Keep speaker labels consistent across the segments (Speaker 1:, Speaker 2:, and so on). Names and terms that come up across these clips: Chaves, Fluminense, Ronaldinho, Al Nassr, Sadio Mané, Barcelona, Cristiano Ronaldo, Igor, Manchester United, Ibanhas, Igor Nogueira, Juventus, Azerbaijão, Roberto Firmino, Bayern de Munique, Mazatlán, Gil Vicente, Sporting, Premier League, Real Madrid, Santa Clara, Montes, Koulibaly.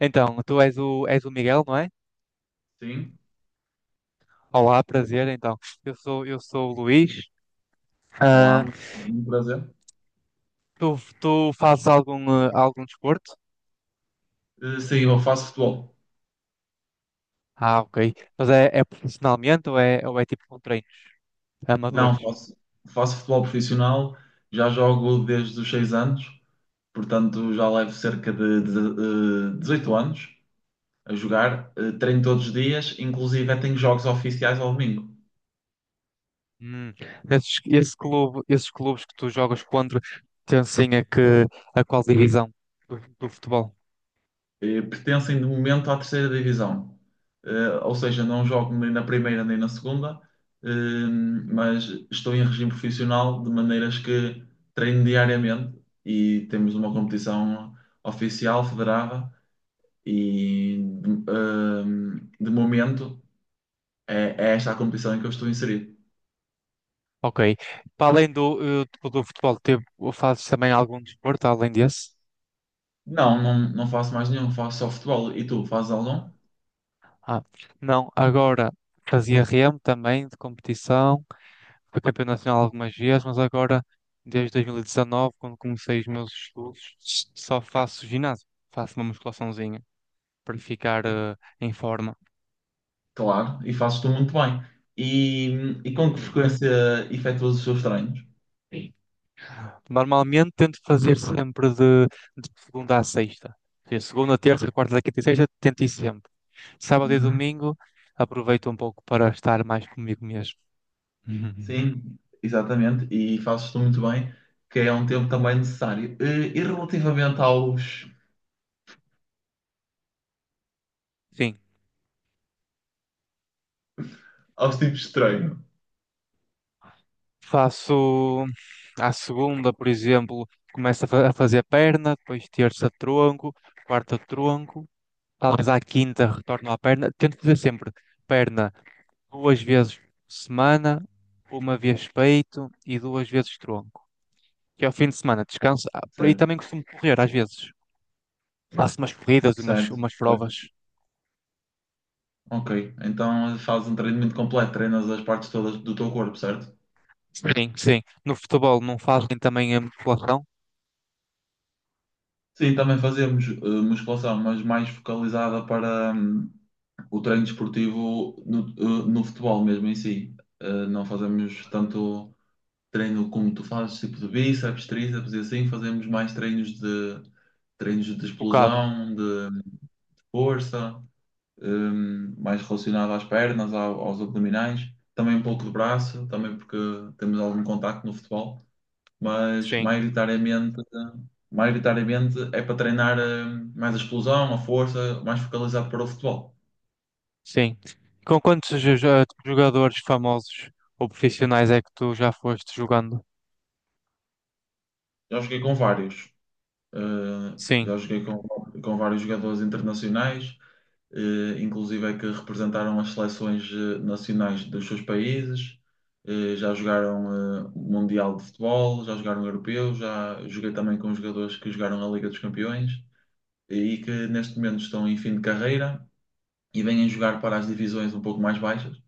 Speaker 1: Então, és o Miguel, não é?
Speaker 2: Sim,
Speaker 1: Olá, prazer. Então, eu sou o Luís. Ah,
Speaker 2: olá, muito prazer.
Speaker 1: tu fazes algum desporto?
Speaker 2: Sim, eu faço futebol.
Speaker 1: Ah, ok. Mas é profissionalmente ou é tipo com treinos
Speaker 2: Não,
Speaker 1: amadores?
Speaker 2: faço futebol profissional, já jogo desde os 6 anos, portanto já levo cerca 18 anos a jogar, treino todos os dias, inclusive tenho jogos oficiais ao domingo.
Speaker 1: Hum. Esse clube, esses clubes que tu jogas contra pertencem a a qual divisão do futebol?
Speaker 2: Pertencem de momento à terceira divisão. Ou seja, não jogo nem na primeira nem na segunda, eh, mas estou em regime profissional de maneiras que treino diariamente e temos uma competição oficial, federada, e de, eh, de momento é esta a competição em que eu estou inserido.
Speaker 1: Ok. Para além do futebol, teve, fazes também algum desporto além desse?
Speaker 2: Não, não, não faço mais nenhum, faço só futebol. E tu, fazes algum?
Speaker 1: Ah, não, agora fazia remo também de competição. Fui campeão nacional algumas vezes, mas agora, desde 2019, quando comecei os meus estudos, só faço ginásio. Faço uma musculaçãozinha para ficar
Speaker 2: E,
Speaker 1: em forma.
Speaker 2: claro, e fazes tu muito bem. E, e com que frequência efetuas os seus treinos?
Speaker 1: Normalmente tento fazer sempre de segunda a sexta. Ou seja, segunda, terça, quarta, quinta e sexta, tento ir sempre. Sábado e
Speaker 2: Uhum.
Speaker 1: domingo, aproveito um pouco para estar mais comigo mesmo.
Speaker 2: Sim, exatamente, e fazes tu muito bem, que é um tempo também necessário. E relativamente aos,
Speaker 1: Sim,
Speaker 2: aos tipos de treino,
Speaker 1: faço à segunda, por exemplo, começo a a fazer perna, depois terça tronco, quarta tronco, talvez à quinta retorno à perna. Tento fazer sempre perna duas vezes por semana, uma vez peito e duas vezes tronco. Que ao fim de semana descanso. Ah, por aí
Speaker 2: certo?
Speaker 1: também costumo correr às vezes. Faço umas corridas, e
Speaker 2: Certo.
Speaker 1: umas provas.
Speaker 2: Ok, então fazes um treinamento completo, treinas as partes todas do teu corpo, certo?
Speaker 1: Sim, sim. No futebol não fazem também a musculação?
Speaker 2: Sim, também fazemos musculação, mas mais focalizada para o treino desportivo no futebol mesmo em si. Não fazemos tanto treino como tu fazes, tipo de bíceps, tríceps e assim, fazemos mais treinos de
Speaker 1: Focado.
Speaker 2: explosão, de força, mais relacionado às pernas, aos abdominais, também um pouco de braço, também porque temos algum contacto no futebol. Mas
Speaker 1: Sim,
Speaker 2: maioritariamente é para treinar mais a explosão, a força, mais focalizado para o futebol.
Speaker 1: sim. Com quantos jogadores famosos ou profissionais é que tu já foste jogando?
Speaker 2: Já joguei com vários,
Speaker 1: Sim.
Speaker 2: já joguei com vários jogadores internacionais, inclusive é que representaram as seleções nacionais dos seus países, já jogaram Mundial de Futebol, já jogaram Europeu, já joguei também com jogadores que jogaram a Liga dos Campeões e que neste momento estão em fim de carreira e vêm jogar para as divisões um pouco mais baixas,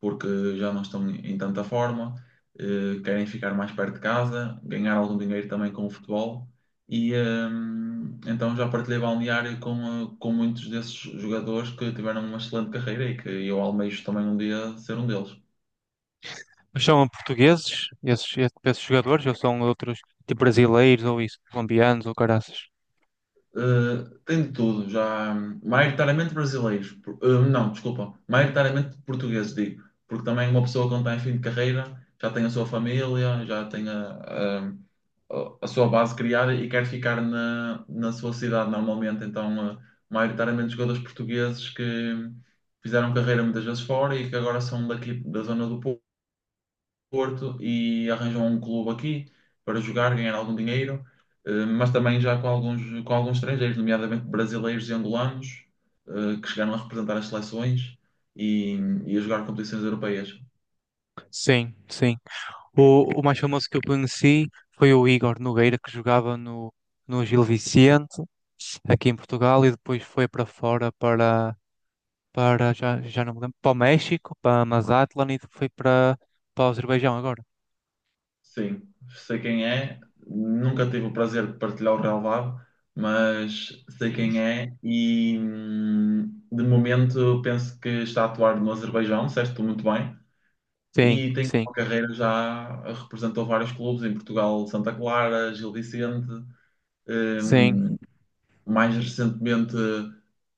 Speaker 2: porque já não estão em tanta forma, querem ficar mais perto de casa, ganhar algum dinheiro também com o futebol. Então já partilhei balneário com muitos desses jogadores que tiveram uma excelente carreira e que eu almejo também um dia ser um deles.
Speaker 1: Mas são portugueses, esses jogadores, ou são outros, tipo brasileiros, ou isso, colombianos, ou caraças?
Speaker 2: Tem de tudo, já maioritariamente brasileiros, não, desculpa, maioritariamente portugueses, digo, porque também uma pessoa quando está em fim de carreira já tem a sua família, já tem a- a sua base criada e quer ficar na sua cidade normalmente. Então, maioritariamente jogadores portugueses que fizeram carreira muitas vezes fora e que agora são daqui da zona do Porto e arranjam um clube aqui para jogar, ganhar algum dinheiro, mas também já com alguns estrangeiros, nomeadamente brasileiros e angolanos, que chegaram a representar as seleções e, e a jogar competições europeias.
Speaker 1: Sim, sim. O mais famoso que eu conheci foi o Igor Nogueira, que jogava no Gil Vicente, aqui em Portugal, e depois foi para fora, para, para já, já não me lembro, para o México, para Mazatlán, e foi para, para o Azerbaijão agora.
Speaker 2: Sim, sei quem é, nunca tive o prazer de partilhar o relvado, mas sei quem é e de momento penso que está a atuar no Azerbaijão, disseste muito bem,
Speaker 1: Sim,
Speaker 2: e tem
Speaker 1: sim,
Speaker 2: uma carreira já, representou vários clubes em Portugal, Santa Clara, Gil Vicente,
Speaker 1: sim.
Speaker 2: hum, mais recentemente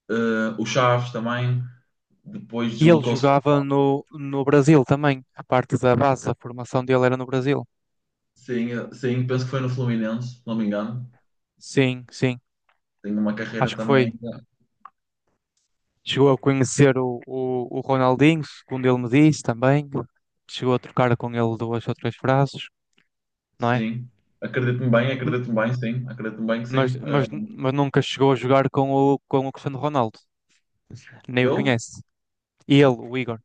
Speaker 2: o Chaves também, depois
Speaker 1: E ele
Speaker 2: deslocou-se para
Speaker 1: jogava no Brasil também. A parte da base, a formação dele era no Brasil.
Speaker 2: sim, sim, penso que foi no Fluminense, se não me engano,
Speaker 1: Sim, sim.
Speaker 2: tem uma carreira
Speaker 1: Acho que
Speaker 2: também
Speaker 1: foi.
Speaker 2: eh,
Speaker 1: Chegou a conhecer o Ronaldinho, segundo ele me disse também. Chegou a trocar com ele duas ou três frases, não é?
Speaker 2: Sim,
Speaker 1: M-
Speaker 2: acredito-me bem, sim, acredito-me bem que sim. Eh,
Speaker 1: Mas nunca chegou a jogar com com o Cristiano Ronaldo. Nem o
Speaker 2: eu?
Speaker 1: conhece. E ele, o Igor.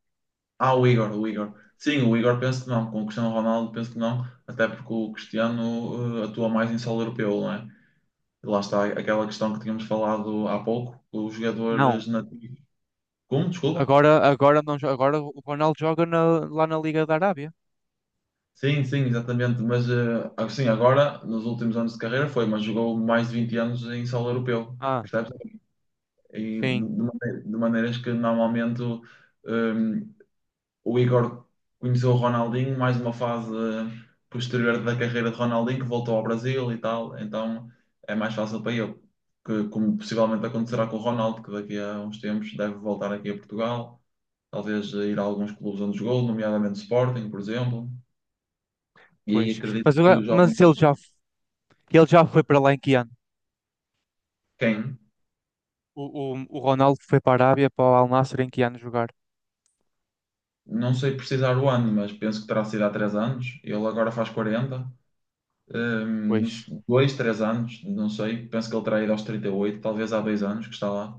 Speaker 2: Ah, o Igor, o Igor. Sim, o Igor penso que não, com o Cristiano Ronaldo penso que não, até porque o Cristiano atua mais em solo europeu, não é? E lá está aquela questão que tínhamos falado há pouco, os
Speaker 1: Não.
Speaker 2: jogadores nativos. Como? Desculpa?
Speaker 1: Agora, não, jo- agora o Ronaldo joga na- lá na Liga da Arábia.
Speaker 2: Sim, sim, exatamente, mas assim, agora, nos últimos anos de carreira foi, mas jogou mais de 20 anos em solo europeu,
Speaker 1: Ah,
Speaker 2: percebes? E de,
Speaker 1: sim.
Speaker 2: de mane- de maneiras que normalmente. ah, o Igor conheceu o Ronaldinho, mais uma fase posterior da carreira de Ronaldinho, que voltou ao Brasil e tal, então é mais fácil para ele, que, como possivelmente acontecerá com o Ronaldo, que daqui a uns tempos deve voltar aqui a Portugal, talvez ir a alguns clubes onde jogou, nomeadamente Sporting, por exemplo, e aí
Speaker 1: Pois. Mas,
Speaker 2: acredito que
Speaker 1: o-
Speaker 2: os jovens,
Speaker 1: mas ele já foi para lá em que ano?
Speaker 2: quem?
Speaker 1: O Ronaldo foi para a Arábia, para o Al Nassr, em que ano jogar?
Speaker 2: Não sei precisar o ano, mas penso que terá sido há 3 anos, ele agora faz 40. Não
Speaker 1: Pois.
Speaker 2: sei, dois, três anos, não sei. Penso que ele terá ido aos 38, talvez há 2 anos que está lá.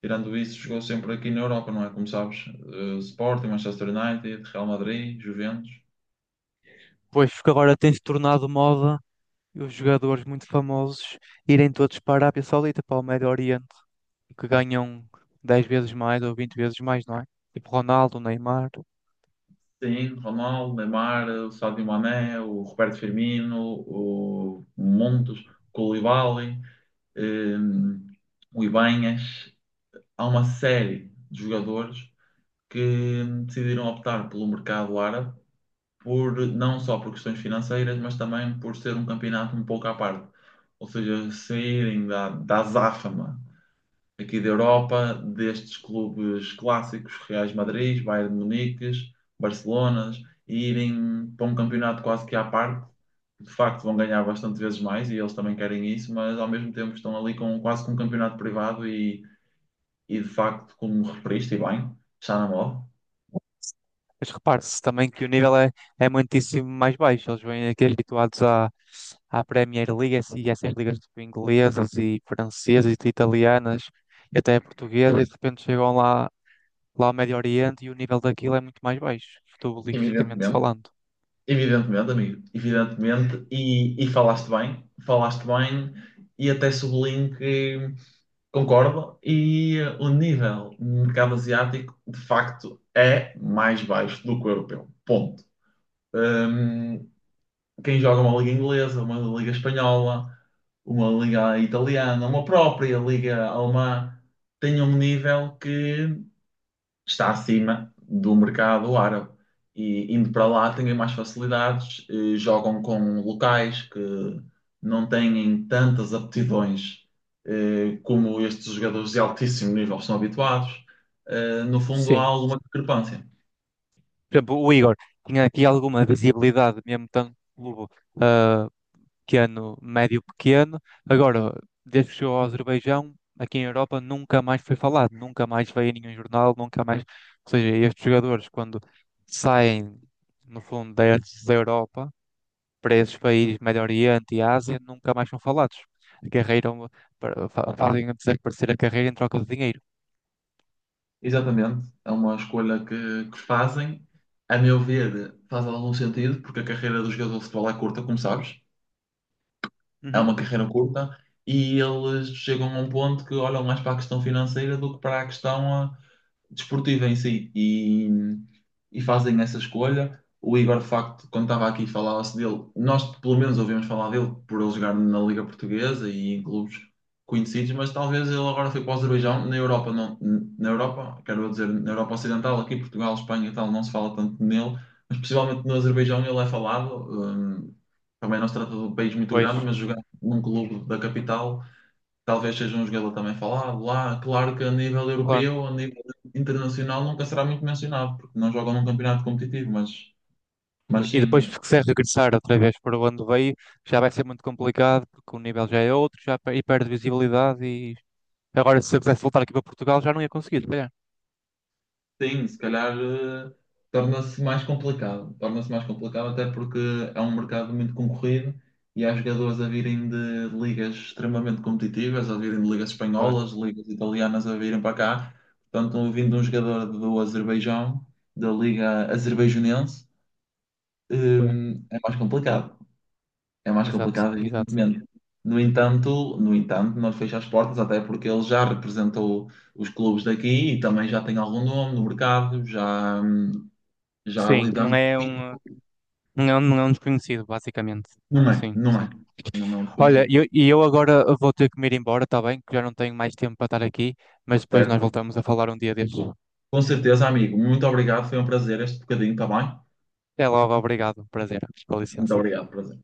Speaker 2: Tirando isso, jogou sempre aqui na Europa, não é? Como sabes, Sporting, Manchester United, Real Madrid, Juventus.
Speaker 1: Pois, porque agora tem-se tornado moda os jogadores muito famosos irem todos para a Arábia Saudita, para o Médio Oriente, que ganham 10 vezes mais ou 20 vezes mais, não é? Tipo Ronaldo, Neymar.
Speaker 2: Sim, Ronaldo, Neymar, o Sadio Mané, o Roberto Firmino, o Montes, o Koulibaly, eh, o Ibanhas. Há uma série de jogadores que decidiram optar pelo mercado árabe, não só por questões financeiras, mas também por ser um campeonato um pouco à parte. Ou seja, saírem da azáfama aqui da Europa, destes clubes clássicos, Reais Madrid, Bayern de Munique, Barcelonas, e irem para um campeonato quase que à parte. De facto, vão ganhar bastante vezes mais e eles também querem isso, mas ao mesmo tempo estão ali com quase com um campeonato privado e de facto, como referiste, e bem, está na moda.
Speaker 1: Mas repare-se também que o nível é muitíssimo mais baixo. Eles vêm aqui habituados à Premier League e essas ligas tipo, inglesas e francesas e italianas e até portuguesas e de repente chegam lá ao Médio Oriente e o nível daquilo é muito mais baixo, futebolisticamente
Speaker 2: Evidentemente.
Speaker 1: falando.
Speaker 2: Evidentemente, amigo, evidentemente, e falaste bem, e até sublinho que concordo, e o nível no mercado asiático de facto é mais baixo do que o europeu. Ponto. Hum, quem joga uma liga inglesa, uma liga espanhola, uma liga italiana, uma própria liga alemã, tem um nível que está acima do mercado árabe. E indo para lá têm mais facilidades, jogam com locais que não têm tantas aptidões como estes jogadores de altíssimo nível são habituados. No fundo, há
Speaker 1: Sim.
Speaker 2: alguma discrepância.
Speaker 1: Por exemplo, o Igor tinha aqui alguma visibilidade, mesmo tanto clube ah, pequeno, médio pequeno. Agora, desde que chegou ao Azerbaijão, aqui em Europa nunca mais foi falado, nunca mais veio em nenhum jornal, nunca mais. Ou seja, estes jogadores, quando saem, no fundo, destes da Europa para esses países, Médio Oriente e Ásia, nunca mais são falados. A carreira, é uma- para- fa- fazem desaparecer a carreira em troca de dinheiro.
Speaker 2: Exatamente, é uma escolha que fazem. A meu ver, faz algum sentido, porque a carreira do jogador de futebol é curta, como sabes. É
Speaker 1: Uhum.
Speaker 2: uma carreira curta e eles chegam a um ponto que olham mais para a questão financeira do que para a questão desportiva em si e fazem essa escolha. O Igor, de facto, quando estava aqui, falava-se dele. Nós, pelo menos, ouvimos falar dele por ele jogar na Liga Portuguesa e em clubes conhecidos, mas talvez ele agora foi para o Azerbaijão. Na Europa, não, na Europa, quero dizer, na Europa Ocidental, aqui Portugal, Espanha e tal, não se fala tanto nele, mas possivelmente no Azerbaijão ele é falado. Também não se trata de um país muito grande,
Speaker 1: Pois,
Speaker 2: mas jogar num clube da capital talvez seja um jogador também falado lá. Claro que a nível
Speaker 1: claro.
Speaker 2: europeu, a nível internacional, nunca será muito mencionado, porque não jogam num campeonato competitivo, mas
Speaker 1: E depois,
Speaker 2: sim,
Speaker 1: se quiser regressar outra vez para onde veio, já vai ser muito complicado, porque o nível já é outro, já pe- e perde visibilidade. E agora, se eu quisesse voltar aqui para Portugal, já não ia conseguir, se calhar.
Speaker 2: sim, se calhar torna-se mais complicado. Torna-se mais complicado, até porque é um mercado muito concorrido e há jogadores a virem de ligas extremamente competitivas, a virem de ligas
Speaker 1: Foi,
Speaker 2: espanholas, ligas italianas a virem para cá. Portanto, vindo um jogador do Azerbaijão, da Liga Azerbaijanense,
Speaker 1: foi.
Speaker 2: eh, é mais complicado. É mais
Speaker 1: Exato,
Speaker 2: complicado,
Speaker 1: exato.
Speaker 2: evidentemente. No entanto, não fecha as portas, até porque ele já representou os clubes daqui e também já tem algum nome no mercado, já
Speaker 1: Sim,
Speaker 2: lidamos. Isso.
Speaker 1: não é um desconhecido, basicamente.
Speaker 2: Não é,
Speaker 1: Sim,
Speaker 2: não é.
Speaker 1: sim.
Speaker 2: Não é um
Speaker 1: Olha,
Speaker 2: desconhecido,
Speaker 1: e eu agora vou ter que me ir embora, está bem? Que já não tenho mais tempo para estar aqui, mas depois nós
Speaker 2: certo?
Speaker 1: voltamos a falar um dia destes.
Speaker 2: Com certeza, amigo. Muito obrigado, foi um prazer este bocadinho, está bem?
Speaker 1: Até logo, obrigado, prazer, com
Speaker 2: Muito
Speaker 1: licença.
Speaker 2: obrigado, prazer.